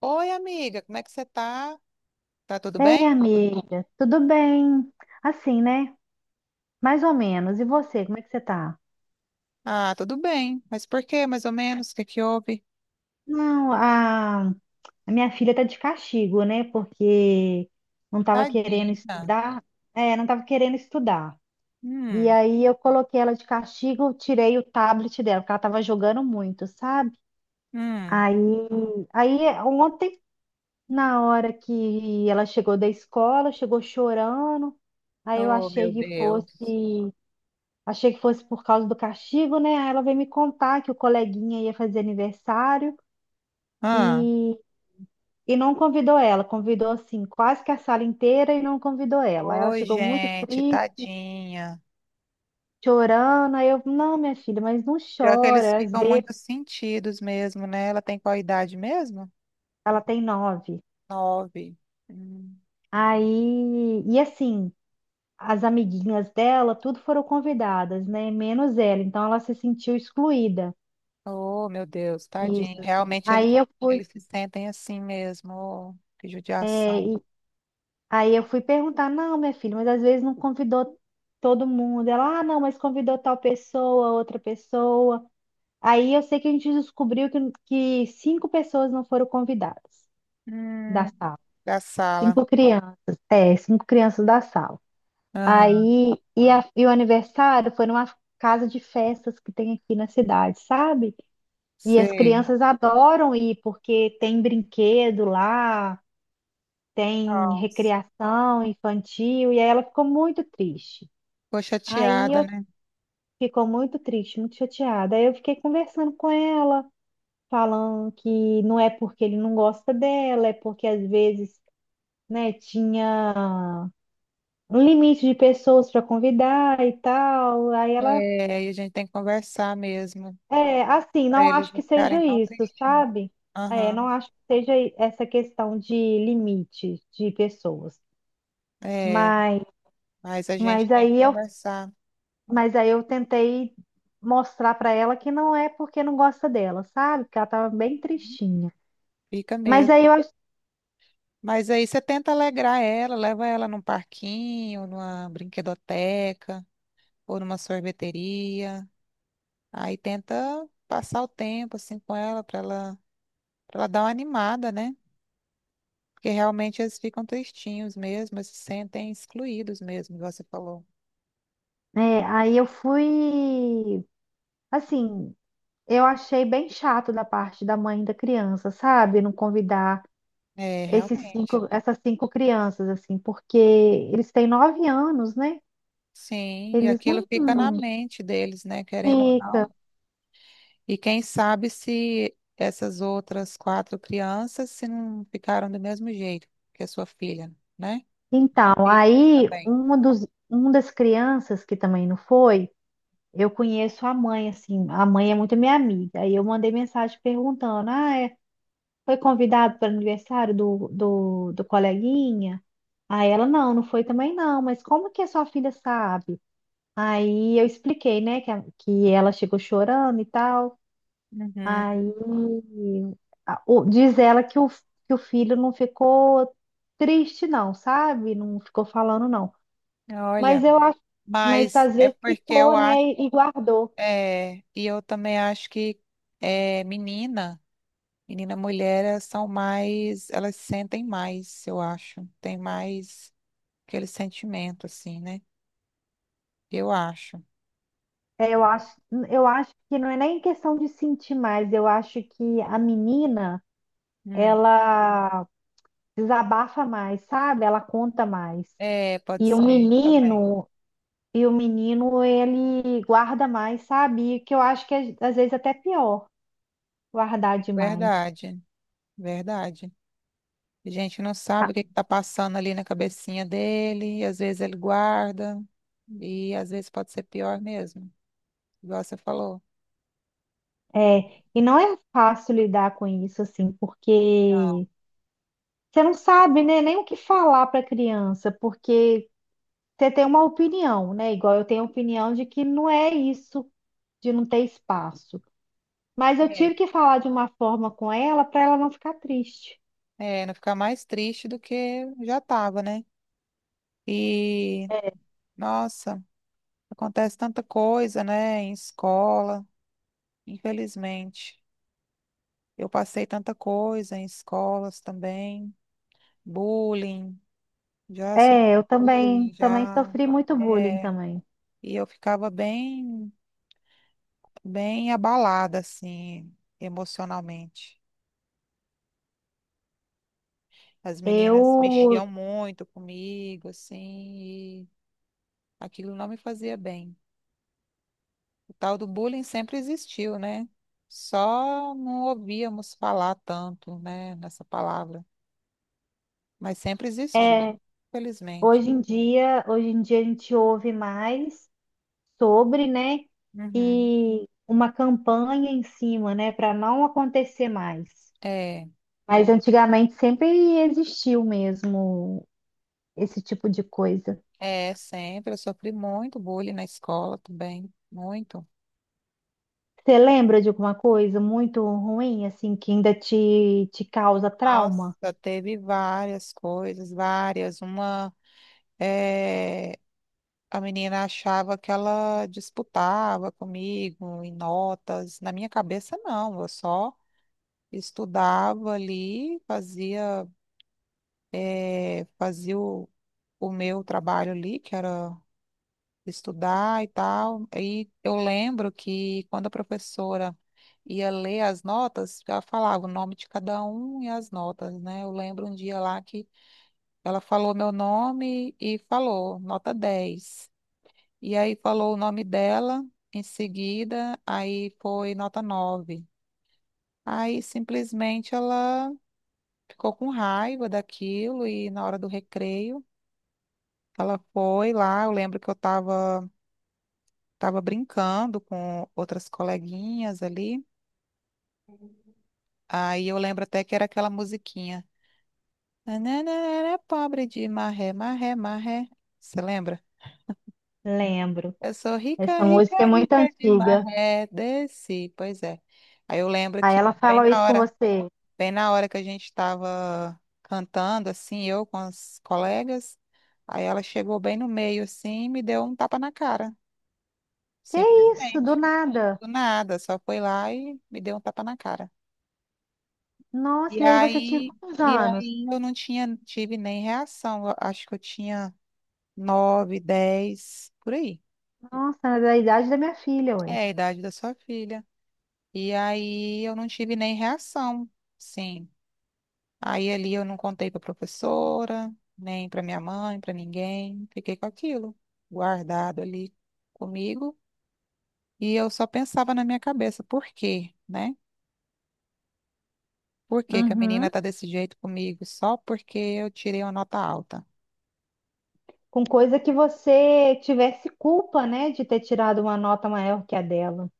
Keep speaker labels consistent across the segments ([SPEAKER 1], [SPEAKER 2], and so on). [SPEAKER 1] Oi, amiga, como é que você tá? Tá tudo
[SPEAKER 2] Ei,
[SPEAKER 1] bem?
[SPEAKER 2] amiga, tudo bem? Assim, né? Mais ou menos. E você, como é que você tá?
[SPEAKER 1] Ah, tudo bem. Mas por quê, mais ou menos? O que que houve?
[SPEAKER 2] Não, a minha filha tá de castigo, né? Porque não tava querendo
[SPEAKER 1] Tadinha.
[SPEAKER 2] estudar. É, não tava querendo estudar. E
[SPEAKER 1] Hum,
[SPEAKER 2] aí eu coloquei ela de castigo, tirei o tablet dela, porque ela tava jogando muito, sabe?
[SPEAKER 1] hum.
[SPEAKER 2] Aí, aí ontem, na hora que ela chegou da escola, chegou chorando. Aí eu
[SPEAKER 1] Oh, meu
[SPEAKER 2] achei que fosse.
[SPEAKER 1] Deus.
[SPEAKER 2] Achei que fosse por causa do castigo, né? Aí ela veio me contar que o coleguinha ia fazer aniversário
[SPEAKER 1] Ah.
[SPEAKER 2] e, e não convidou ela. Convidou, assim, quase que a sala inteira e não convidou ela. Aí ela
[SPEAKER 1] Oi,
[SPEAKER 2] chegou muito
[SPEAKER 1] gente,
[SPEAKER 2] triste,
[SPEAKER 1] tadinha.
[SPEAKER 2] chorando. Aí eu, não, minha filha, mas não
[SPEAKER 1] Pior que eles
[SPEAKER 2] chora. Às
[SPEAKER 1] ficam
[SPEAKER 2] vezes
[SPEAKER 1] muito sentidos mesmo, né? Ela tem qual idade mesmo?
[SPEAKER 2] ela tem 9.
[SPEAKER 1] 9. Hum.
[SPEAKER 2] Aí, e assim, as amiguinhas dela, tudo foram convidadas, né? Menos ela. Então ela se sentiu excluída.
[SPEAKER 1] Oh, meu Deus,
[SPEAKER 2] Isso,
[SPEAKER 1] tadinha.
[SPEAKER 2] assim.
[SPEAKER 1] Realmente eles,
[SPEAKER 2] Aí eu fui.
[SPEAKER 1] eles se sentem assim mesmo. Oh, que
[SPEAKER 2] É.
[SPEAKER 1] judiação.
[SPEAKER 2] Aí eu fui perguntar, não, minha filha, mas às vezes não convidou todo mundo. Ela, ah, não, mas convidou tal pessoa, outra pessoa. Aí eu sei que a gente descobriu que cinco pessoas não foram convidadas da
[SPEAKER 1] Hum,
[SPEAKER 2] sala.
[SPEAKER 1] Da sala.
[SPEAKER 2] Cinco crianças, é, cinco crianças da sala.
[SPEAKER 1] Aham,
[SPEAKER 2] Aí, e o aniversário foi numa casa de festas que tem aqui na cidade, sabe? E as
[SPEAKER 1] sei.
[SPEAKER 2] crianças adoram ir porque tem brinquedo lá. Tem
[SPEAKER 1] Nossa,
[SPEAKER 2] recreação infantil, e aí ela ficou muito triste.
[SPEAKER 1] ficou
[SPEAKER 2] Aí
[SPEAKER 1] chateada,
[SPEAKER 2] eu
[SPEAKER 1] né?
[SPEAKER 2] Ficou muito triste, muito chateada. Aí eu fiquei conversando com ela, falando que não é porque ele não gosta dela, é porque às vezes, né, tinha um limite de pessoas para convidar e tal. Aí ela,
[SPEAKER 1] É, e a gente tem que conversar mesmo,
[SPEAKER 2] é, assim,
[SPEAKER 1] para
[SPEAKER 2] não
[SPEAKER 1] eles
[SPEAKER 2] acho
[SPEAKER 1] não
[SPEAKER 2] que
[SPEAKER 1] ficarem
[SPEAKER 2] seja
[SPEAKER 1] tão
[SPEAKER 2] isso,
[SPEAKER 1] tristes.
[SPEAKER 2] sabe? É,
[SPEAKER 1] Aham,
[SPEAKER 2] não acho que seja essa questão de limite de pessoas.
[SPEAKER 1] é,
[SPEAKER 2] Mas,
[SPEAKER 1] mas a gente
[SPEAKER 2] mas
[SPEAKER 1] tem que
[SPEAKER 2] aí eu
[SPEAKER 1] conversar,
[SPEAKER 2] Mas aí eu tentei mostrar pra ela que não é porque não gosta dela, sabe? Que ela tava bem tristinha.
[SPEAKER 1] fica
[SPEAKER 2] Mas
[SPEAKER 1] mesmo.
[SPEAKER 2] aí eu, ach-
[SPEAKER 1] Mas aí você tenta alegrar ela, leva ela num parquinho, numa brinquedoteca, ou numa sorveteria. Aí tenta passar o tempo assim com ela, para ela dar uma animada, né? Porque realmente eles ficam tristinhos mesmo, eles se sentem excluídos mesmo, igual você falou.
[SPEAKER 2] aí eu fui, assim, eu achei bem chato da parte da mãe da criança, sabe? Não convidar
[SPEAKER 1] É,
[SPEAKER 2] esses
[SPEAKER 1] realmente.
[SPEAKER 2] cinco, essas cinco crianças, assim, porque eles têm 9 anos, né?
[SPEAKER 1] Sim, e
[SPEAKER 2] Eles
[SPEAKER 1] aquilo
[SPEAKER 2] não
[SPEAKER 1] fica na mente deles, né, querendo ou
[SPEAKER 2] fica.
[SPEAKER 1] não. E quem sabe se essas outras quatro crianças se não ficaram do mesmo jeito que a sua filha, né?
[SPEAKER 2] Então,
[SPEAKER 1] Sim,
[SPEAKER 2] aí
[SPEAKER 1] também.
[SPEAKER 2] um das crianças que também não foi. Eu conheço a mãe, assim, a mãe é muito minha amiga. Aí eu mandei mensagem perguntando: ah, foi convidado para o aniversário do coleguinha? Aí ela: não, não foi também não, mas como que a sua filha sabe? Aí eu expliquei, né, que ela chegou chorando e tal.
[SPEAKER 1] Uhum.
[SPEAKER 2] Aí diz ela que o filho não ficou triste, não, sabe? Não ficou falando, não. Mas
[SPEAKER 1] Olha,
[SPEAKER 2] eu acho, mas
[SPEAKER 1] mas
[SPEAKER 2] às
[SPEAKER 1] é
[SPEAKER 2] vezes
[SPEAKER 1] porque eu
[SPEAKER 2] ficou, né,
[SPEAKER 1] acho,
[SPEAKER 2] e guardou.
[SPEAKER 1] é, e eu também acho que é, menina, menina mulher, elas são mais, elas sentem mais, eu acho, tem mais aquele sentimento, assim, né? Eu acho.
[SPEAKER 2] É, eu acho que não é nem questão de sentir mais, eu acho que a menina, ela desabafa mais, sabe? Ela conta mais.
[SPEAKER 1] É, pode
[SPEAKER 2] E o
[SPEAKER 1] ser também.
[SPEAKER 2] menino, e o menino, ele guarda mais, sabe? E que eu acho que é, às vezes até pior guardar demais.
[SPEAKER 1] Verdade, verdade. A gente não sabe o que está passando ali na cabecinha dele, e às vezes ele guarda, e às vezes pode ser pior mesmo, igual você falou.
[SPEAKER 2] É, e não é fácil lidar com isso, assim,
[SPEAKER 1] Não,
[SPEAKER 2] porque você não sabe, né, nem o que falar para a criança, porque você tem uma opinião, né? Igual eu tenho a opinião de que não é isso. De não ter espaço. Mas eu tive
[SPEAKER 1] é.
[SPEAKER 2] que falar de uma forma com ela para ela não ficar triste.
[SPEAKER 1] É, não ficar mais triste do que já estava, né? E, nossa, acontece tanta coisa, né, em escola, infelizmente. Eu passei tanta coisa em escolas também, bullying. Já sofri
[SPEAKER 2] É, eu também
[SPEAKER 1] bullying, já.
[SPEAKER 2] sofri muito bullying
[SPEAKER 1] É,
[SPEAKER 2] também.
[SPEAKER 1] e eu ficava bem, bem abalada, assim, emocionalmente. As
[SPEAKER 2] Eu
[SPEAKER 1] meninas mexiam muito comigo, assim, e aquilo não me fazia bem. O tal do bullying sempre existiu, né? Só não ouvíamos falar tanto, né, nessa palavra, mas sempre existiu,
[SPEAKER 2] é,
[SPEAKER 1] felizmente.
[SPEAKER 2] hoje em dia, a gente ouve mais sobre, né?
[SPEAKER 1] Uhum.
[SPEAKER 2] E uma campanha em cima, né, para não acontecer mais.
[SPEAKER 1] É,
[SPEAKER 2] Mas antigamente sempre existiu mesmo esse tipo de coisa.
[SPEAKER 1] é, sempre. Eu sofri muito bullying na escola também, muito.
[SPEAKER 2] Você lembra de alguma coisa muito ruim, assim, que ainda te causa trauma?
[SPEAKER 1] Nossa, teve várias coisas, várias. Uma, eh, a menina achava que ela disputava comigo em notas. Na minha cabeça, não. Eu só estudava ali, fazia, fazia o meu trabalho ali, que era estudar e tal. E eu lembro que quando a professora ia ler as notas, ela falava o nome de cada um e as notas, né? Eu lembro um dia lá que ela falou meu nome e falou, nota 10. E aí falou o nome dela em seguida, aí foi nota 9. Aí simplesmente ela ficou com raiva daquilo e na hora do recreio ela foi lá. Eu lembro que eu estava tava brincando com outras coleguinhas ali. Aí eu lembro até que era aquela musiquinha. Nananana, pobre de marré, marré, marré. Você lembra?
[SPEAKER 2] Lembro.
[SPEAKER 1] Eu sou rica,
[SPEAKER 2] Essa
[SPEAKER 1] rica,
[SPEAKER 2] música é muito
[SPEAKER 1] rica de
[SPEAKER 2] antiga.
[SPEAKER 1] maré, desci. Pois é. Aí eu lembro
[SPEAKER 2] Aí
[SPEAKER 1] que,
[SPEAKER 2] ela falou isso com você.
[SPEAKER 1] bem na hora que a gente estava cantando, assim, eu com as colegas, aí ela chegou bem no meio, assim, e me deu um tapa na cara,
[SPEAKER 2] Que isso, do
[SPEAKER 1] simplesmente.
[SPEAKER 2] nada.
[SPEAKER 1] Do nada, só foi lá e me deu um tapa na cara. E
[SPEAKER 2] Nossa, e aí você tinha
[SPEAKER 1] aí,
[SPEAKER 2] quantos
[SPEAKER 1] e
[SPEAKER 2] anos?
[SPEAKER 1] aí eu não tinha, tive nem reação. Eu acho que eu tinha 9, 10, por aí.
[SPEAKER 2] Nossa, era da idade da minha filha,
[SPEAKER 1] É
[SPEAKER 2] ué.
[SPEAKER 1] a idade da sua filha. E aí eu não tive nem reação, sim. Aí ali eu não contei para professora, nem para minha mãe, para ninguém. Fiquei com aquilo guardado ali comigo. E eu só pensava na minha cabeça, por quê, né? Por que que a menina
[SPEAKER 2] Uhum.
[SPEAKER 1] tá desse jeito comigo só porque eu tirei uma nota alta?
[SPEAKER 2] Com coisa que você tivesse culpa, né, de ter tirado uma nota maior que a dela.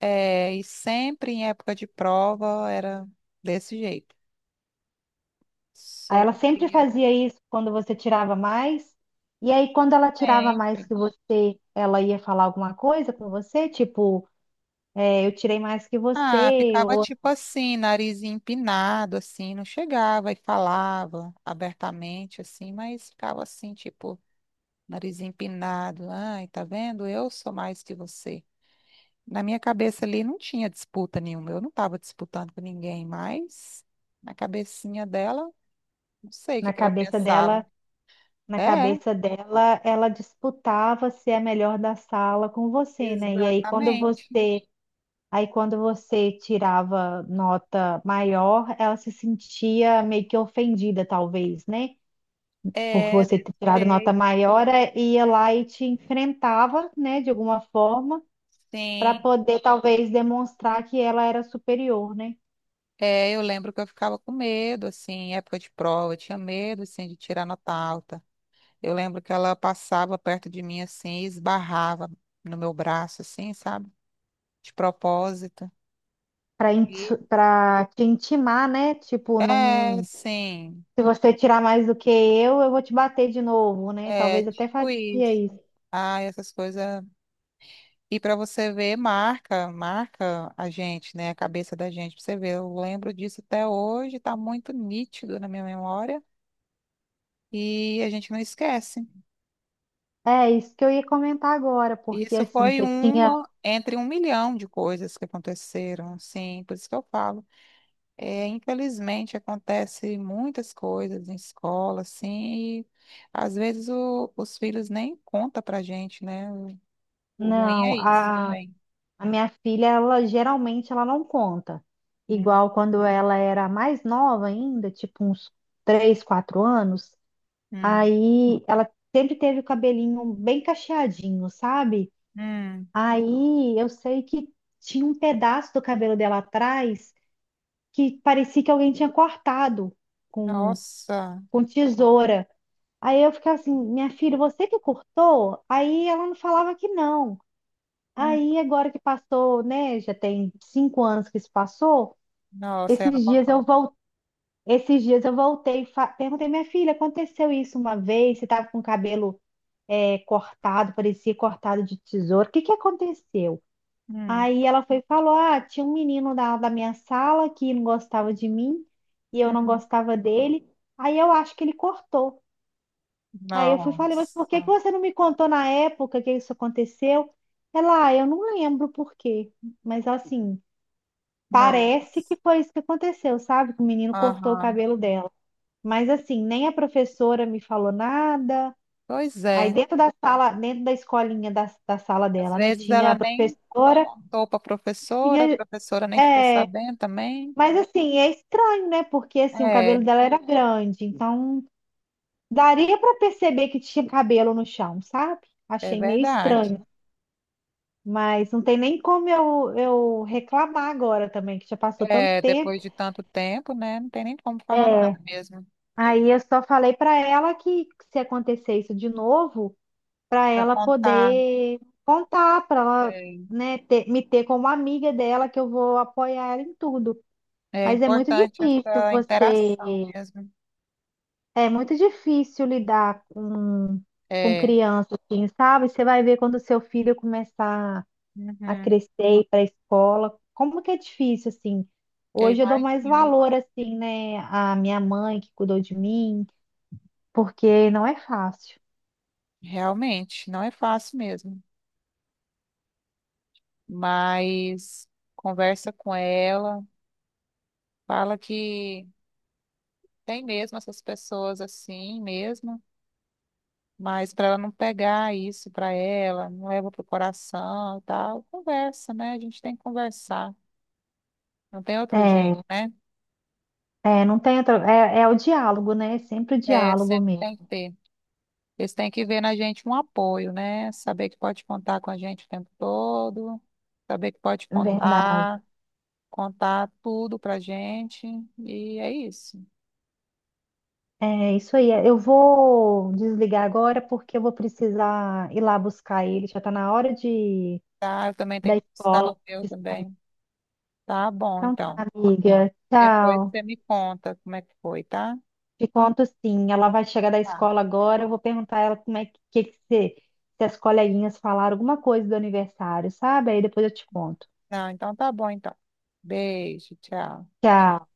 [SPEAKER 1] É, e sempre em época de prova era desse jeito.
[SPEAKER 2] Aí
[SPEAKER 1] Sou
[SPEAKER 2] ela sempre fazia isso quando você tirava mais. E aí, quando ela tirava mais
[SPEAKER 1] Sempre.
[SPEAKER 2] que você, ela ia falar alguma coisa com você, tipo, é, eu tirei mais que
[SPEAKER 1] Ah,
[SPEAKER 2] você,
[SPEAKER 1] ficava
[SPEAKER 2] ou
[SPEAKER 1] tipo assim, nariz empinado, assim, não chegava e falava abertamente, assim, mas ficava assim, tipo, nariz empinado. Ai, tá vendo? Eu sou mais que você. Na minha cabeça ali não tinha disputa nenhuma, eu não estava disputando com ninguém, mas na cabecinha dela, não sei o que
[SPEAKER 2] na
[SPEAKER 1] que ela
[SPEAKER 2] cabeça
[SPEAKER 1] pensava.
[SPEAKER 2] dela, na
[SPEAKER 1] É,
[SPEAKER 2] cabeça dela, ela disputava ser a melhor da sala com você, né? E aí, quando
[SPEAKER 1] exatamente.
[SPEAKER 2] você, aí quando você tirava nota maior, ela se sentia meio que ofendida, talvez, né? Por
[SPEAKER 1] É,
[SPEAKER 2] você
[SPEAKER 1] desse
[SPEAKER 2] ter tirado nota
[SPEAKER 1] jeito.
[SPEAKER 2] maior, ia lá e te enfrentava, né, de alguma forma, para
[SPEAKER 1] Sim.
[SPEAKER 2] poder talvez demonstrar que ela era superior, né?
[SPEAKER 1] É, eu lembro que eu ficava com medo, assim, em época de prova, eu tinha medo, assim, de tirar nota alta. Eu lembro que ela passava perto de mim, assim, e esbarrava no meu braço, assim, sabe? De propósito.
[SPEAKER 2] Para
[SPEAKER 1] E,
[SPEAKER 2] para te intimar, né? Tipo,
[SPEAKER 1] é,
[SPEAKER 2] não,
[SPEAKER 1] sim,
[SPEAKER 2] se você tirar mais do que eu vou te bater de novo, né?
[SPEAKER 1] é
[SPEAKER 2] Talvez até
[SPEAKER 1] tipo
[SPEAKER 2] faria
[SPEAKER 1] isso.
[SPEAKER 2] isso.
[SPEAKER 1] Ah, essas coisas. E para você ver, marca, marca a gente, né? A cabeça da gente, pra você ver. Eu lembro disso até hoje, tá muito nítido na minha memória e a gente não esquece.
[SPEAKER 2] É isso que eu ia comentar agora, porque
[SPEAKER 1] Isso
[SPEAKER 2] assim,
[SPEAKER 1] foi
[SPEAKER 2] você tinha,
[SPEAKER 1] uma entre 1 milhão de coisas que aconteceram, assim, por isso que eu falo. É, infelizmente acontece muitas coisas em escola, assim, e às vezes os filhos nem contam pra gente, né? O ruim
[SPEAKER 2] não,
[SPEAKER 1] é isso.
[SPEAKER 2] a
[SPEAKER 1] Bem,
[SPEAKER 2] A minha filha, ela geralmente ela não conta.
[SPEAKER 1] hum,
[SPEAKER 2] Igual quando ela era mais nova ainda, tipo uns 3, 4 anos,
[SPEAKER 1] hum,
[SPEAKER 2] aí ela sempre teve o cabelinho bem cacheadinho, sabe?
[SPEAKER 1] hum.
[SPEAKER 2] Aí eu sei que tinha um pedaço do cabelo dela atrás que parecia que alguém tinha cortado com,
[SPEAKER 1] Nossa,
[SPEAKER 2] com tesoura. Aí eu ficava assim, minha filha, você que cortou? Aí ela não falava que não.
[SPEAKER 1] hum,
[SPEAKER 2] Aí, agora que passou, né? Já tem 5 anos que isso passou.
[SPEAKER 1] nossa, ela
[SPEAKER 2] Esses dias eu
[SPEAKER 1] contou.
[SPEAKER 2] voltei, esses dias eu voltei, e perguntei, minha filha, aconteceu isso uma vez? Você estava com o cabelo cortado, parecia cortado de tesoura. O que que aconteceu?
[SPEAKER 1] Hum,
[SPEAKER 2] Aí ela foi e falou: ah, tinha um menino da minha sala que não gostava de mim e eu não
[SPEAKER 1] hum.
[SPEAKER 2] gostava dele. Aí eu acho que ele cortou. Aí eu fui e falei, mas por que que
[SPEAKER 1] Nossa,
[SPEAKER 2] você não me contou na época que isso aconteceu? Ela, ah, eu não lembro por quê. Mas assim, parece
[SPEAKER 1] nossa,
[SPEAKER 2] que foi isso que aconteceu, sabe? Que o menino cortou o
[SPEAKER 1] aham.
[SPEAKER 2] cabelo dela. Mas assim, nem a professora me falou nada.
[SPEAKER 1] Pois
[SPEAKER 2] Aí
[SPEAKER 1] é.
[SPEAKER 2] dentro da sala, dentro da escolinha da sala
[SPEAKER 1] Às
[SPEAKER 2] dela, né?
[SPEAKER 1] vezes
[SPEAKER 2] Tinha
[SPEAKER 1] ela
[SPEAKER 2] a
[SPEAKER 1] nem
[SPEAKER 2] professora,
[SPEAKER 1] contou para a
[SPEAKER 2] tinha.
[SPEAKER 1] professora nem ficou
[SPEAKER 2] É,
[SPEAKER 1] sabendo também.
[SPEAKER 2] mas assim, é estranho, né? Porque assim, o
[SPEAKER 1] É,
[SPEAKER 2] cabelo dela era grande, então daria para perceber que tinha cabelo no chão, sabe?
[SPEAKER 1] é
[SPEAKER 2] Achei meio
[SPEAKER 1] verdade.
[SPEAKER 2] estranho. Mas não tem nem como eu reclamar agora também, que já passou tanto
[SPEAKER 1] É,
[SPEAKER 2] tempo.
[SPEAKER 1] depois de tanto tempo, né? Não tem nem como falar
[SPEAKER 2] É.
[SPEAKER 1] nada mesmo
[SPEAKER 2] Aí eu só falei para ela que se acontecer isso de novo, para
[SPEAKER 1] para
[SPEAKER 2] ela
[SPEAKER 1] contar.
[SPEAKER 2] poder contar, para ela,
[SPEAKER 1] É,
[SPEAKER 2] né, me ter como amiga dela, que eu vou apoiar ela em tudo.
[SPEAKER 1] é
[SPEAKER 2] Mas é muito
[SPEAKER 1] importante
[SPEAKER 2] difícil
[SPEAKER 1] essa
[SPEAKER 2] você,
[SPEAKER 1] interação mesmo.
[SPEAKER 2] é muito difícil lidar com,
[SPEAKER 1] É,
[SPEAKER 2] criança, assim, sabe? Você vai ver quando o seu filho começar a
[SPEAKER 1] uhum,
[SPEAKER 2] crescer, ir para a escola, como que é difícil, assim.
[SPEAKER 1] eu
[SPEAKER 2] Hoje eu dou mais
[SPEAKER 1] imagino.
[SPEAKER 2] valor, assim, né, à minha mãe que cuidou de mim, porque não é fácil.
[SPEAKER 1] Realmente, não é fácil mesmo. Mas conversa com ela, fala que tem mesmo essas pessoas assim mesmo. Mas para ela não pegar isso para ela, não leva pro coração e tal, conversa, né? A gente tem que conversar. Não tem outro jeito,
[SPEAKER 2] É,
[SPEAKER 1] né?
[SPEAKER 2] é, não tem outra. É, é o diálogo, né? É sempre o
[SPEAKER 1] É,
[SPEAKER 2] diálogo
[SPEAKER 1] sempre
[SPEAKER 2] mesmo.
[SPEAKER 1] tem que ter. Eles têm que ver na gente um apoio, né? Saber que pode contar com a gente o tempo todo, saber que pode
[SPEAKER 2] É verdade.
[SPEAKER 1] contar, contar tudo pra gente. E é isso.
[SPEAKER 2] É isso aí. É, eu vou desligar agora porque eu vou precisar ir lá buscar ele. Já está na hora
[SPEAKER 1] Tá? Eu também tenho
[SPEAKER 2] da
[SPEAKER 1] que buscar
[SPEAKER 2] escola
[SPEAKER 1] o meu
[SPEAKER 2] de sair.
[SPEAKER 1] também. Tá bom,
[SPEAKER 2] Então tá,
[SPEAKER 1] então.
[SPEAKER 2] amiga.
[SPEAKER 1] Depois
[SPEAKER 2] Tchau.
[SPEAKER 1] você me conta como é que foi, tá?
[SPEAKER 2] Te conto sim. Ela vai chegar da
[SPEAKER 1] Tá.
[SPEAKER 2] escola agora. Eu vou perguntar a ela como é que se as coleguinhas falaram alguma coisa do aniversário, sabe? Aí depois eu te conto.
[SPEAKER 1] Não, então tá bom, então. Beijo, tchau.
[SPEAKER 2] Tchau.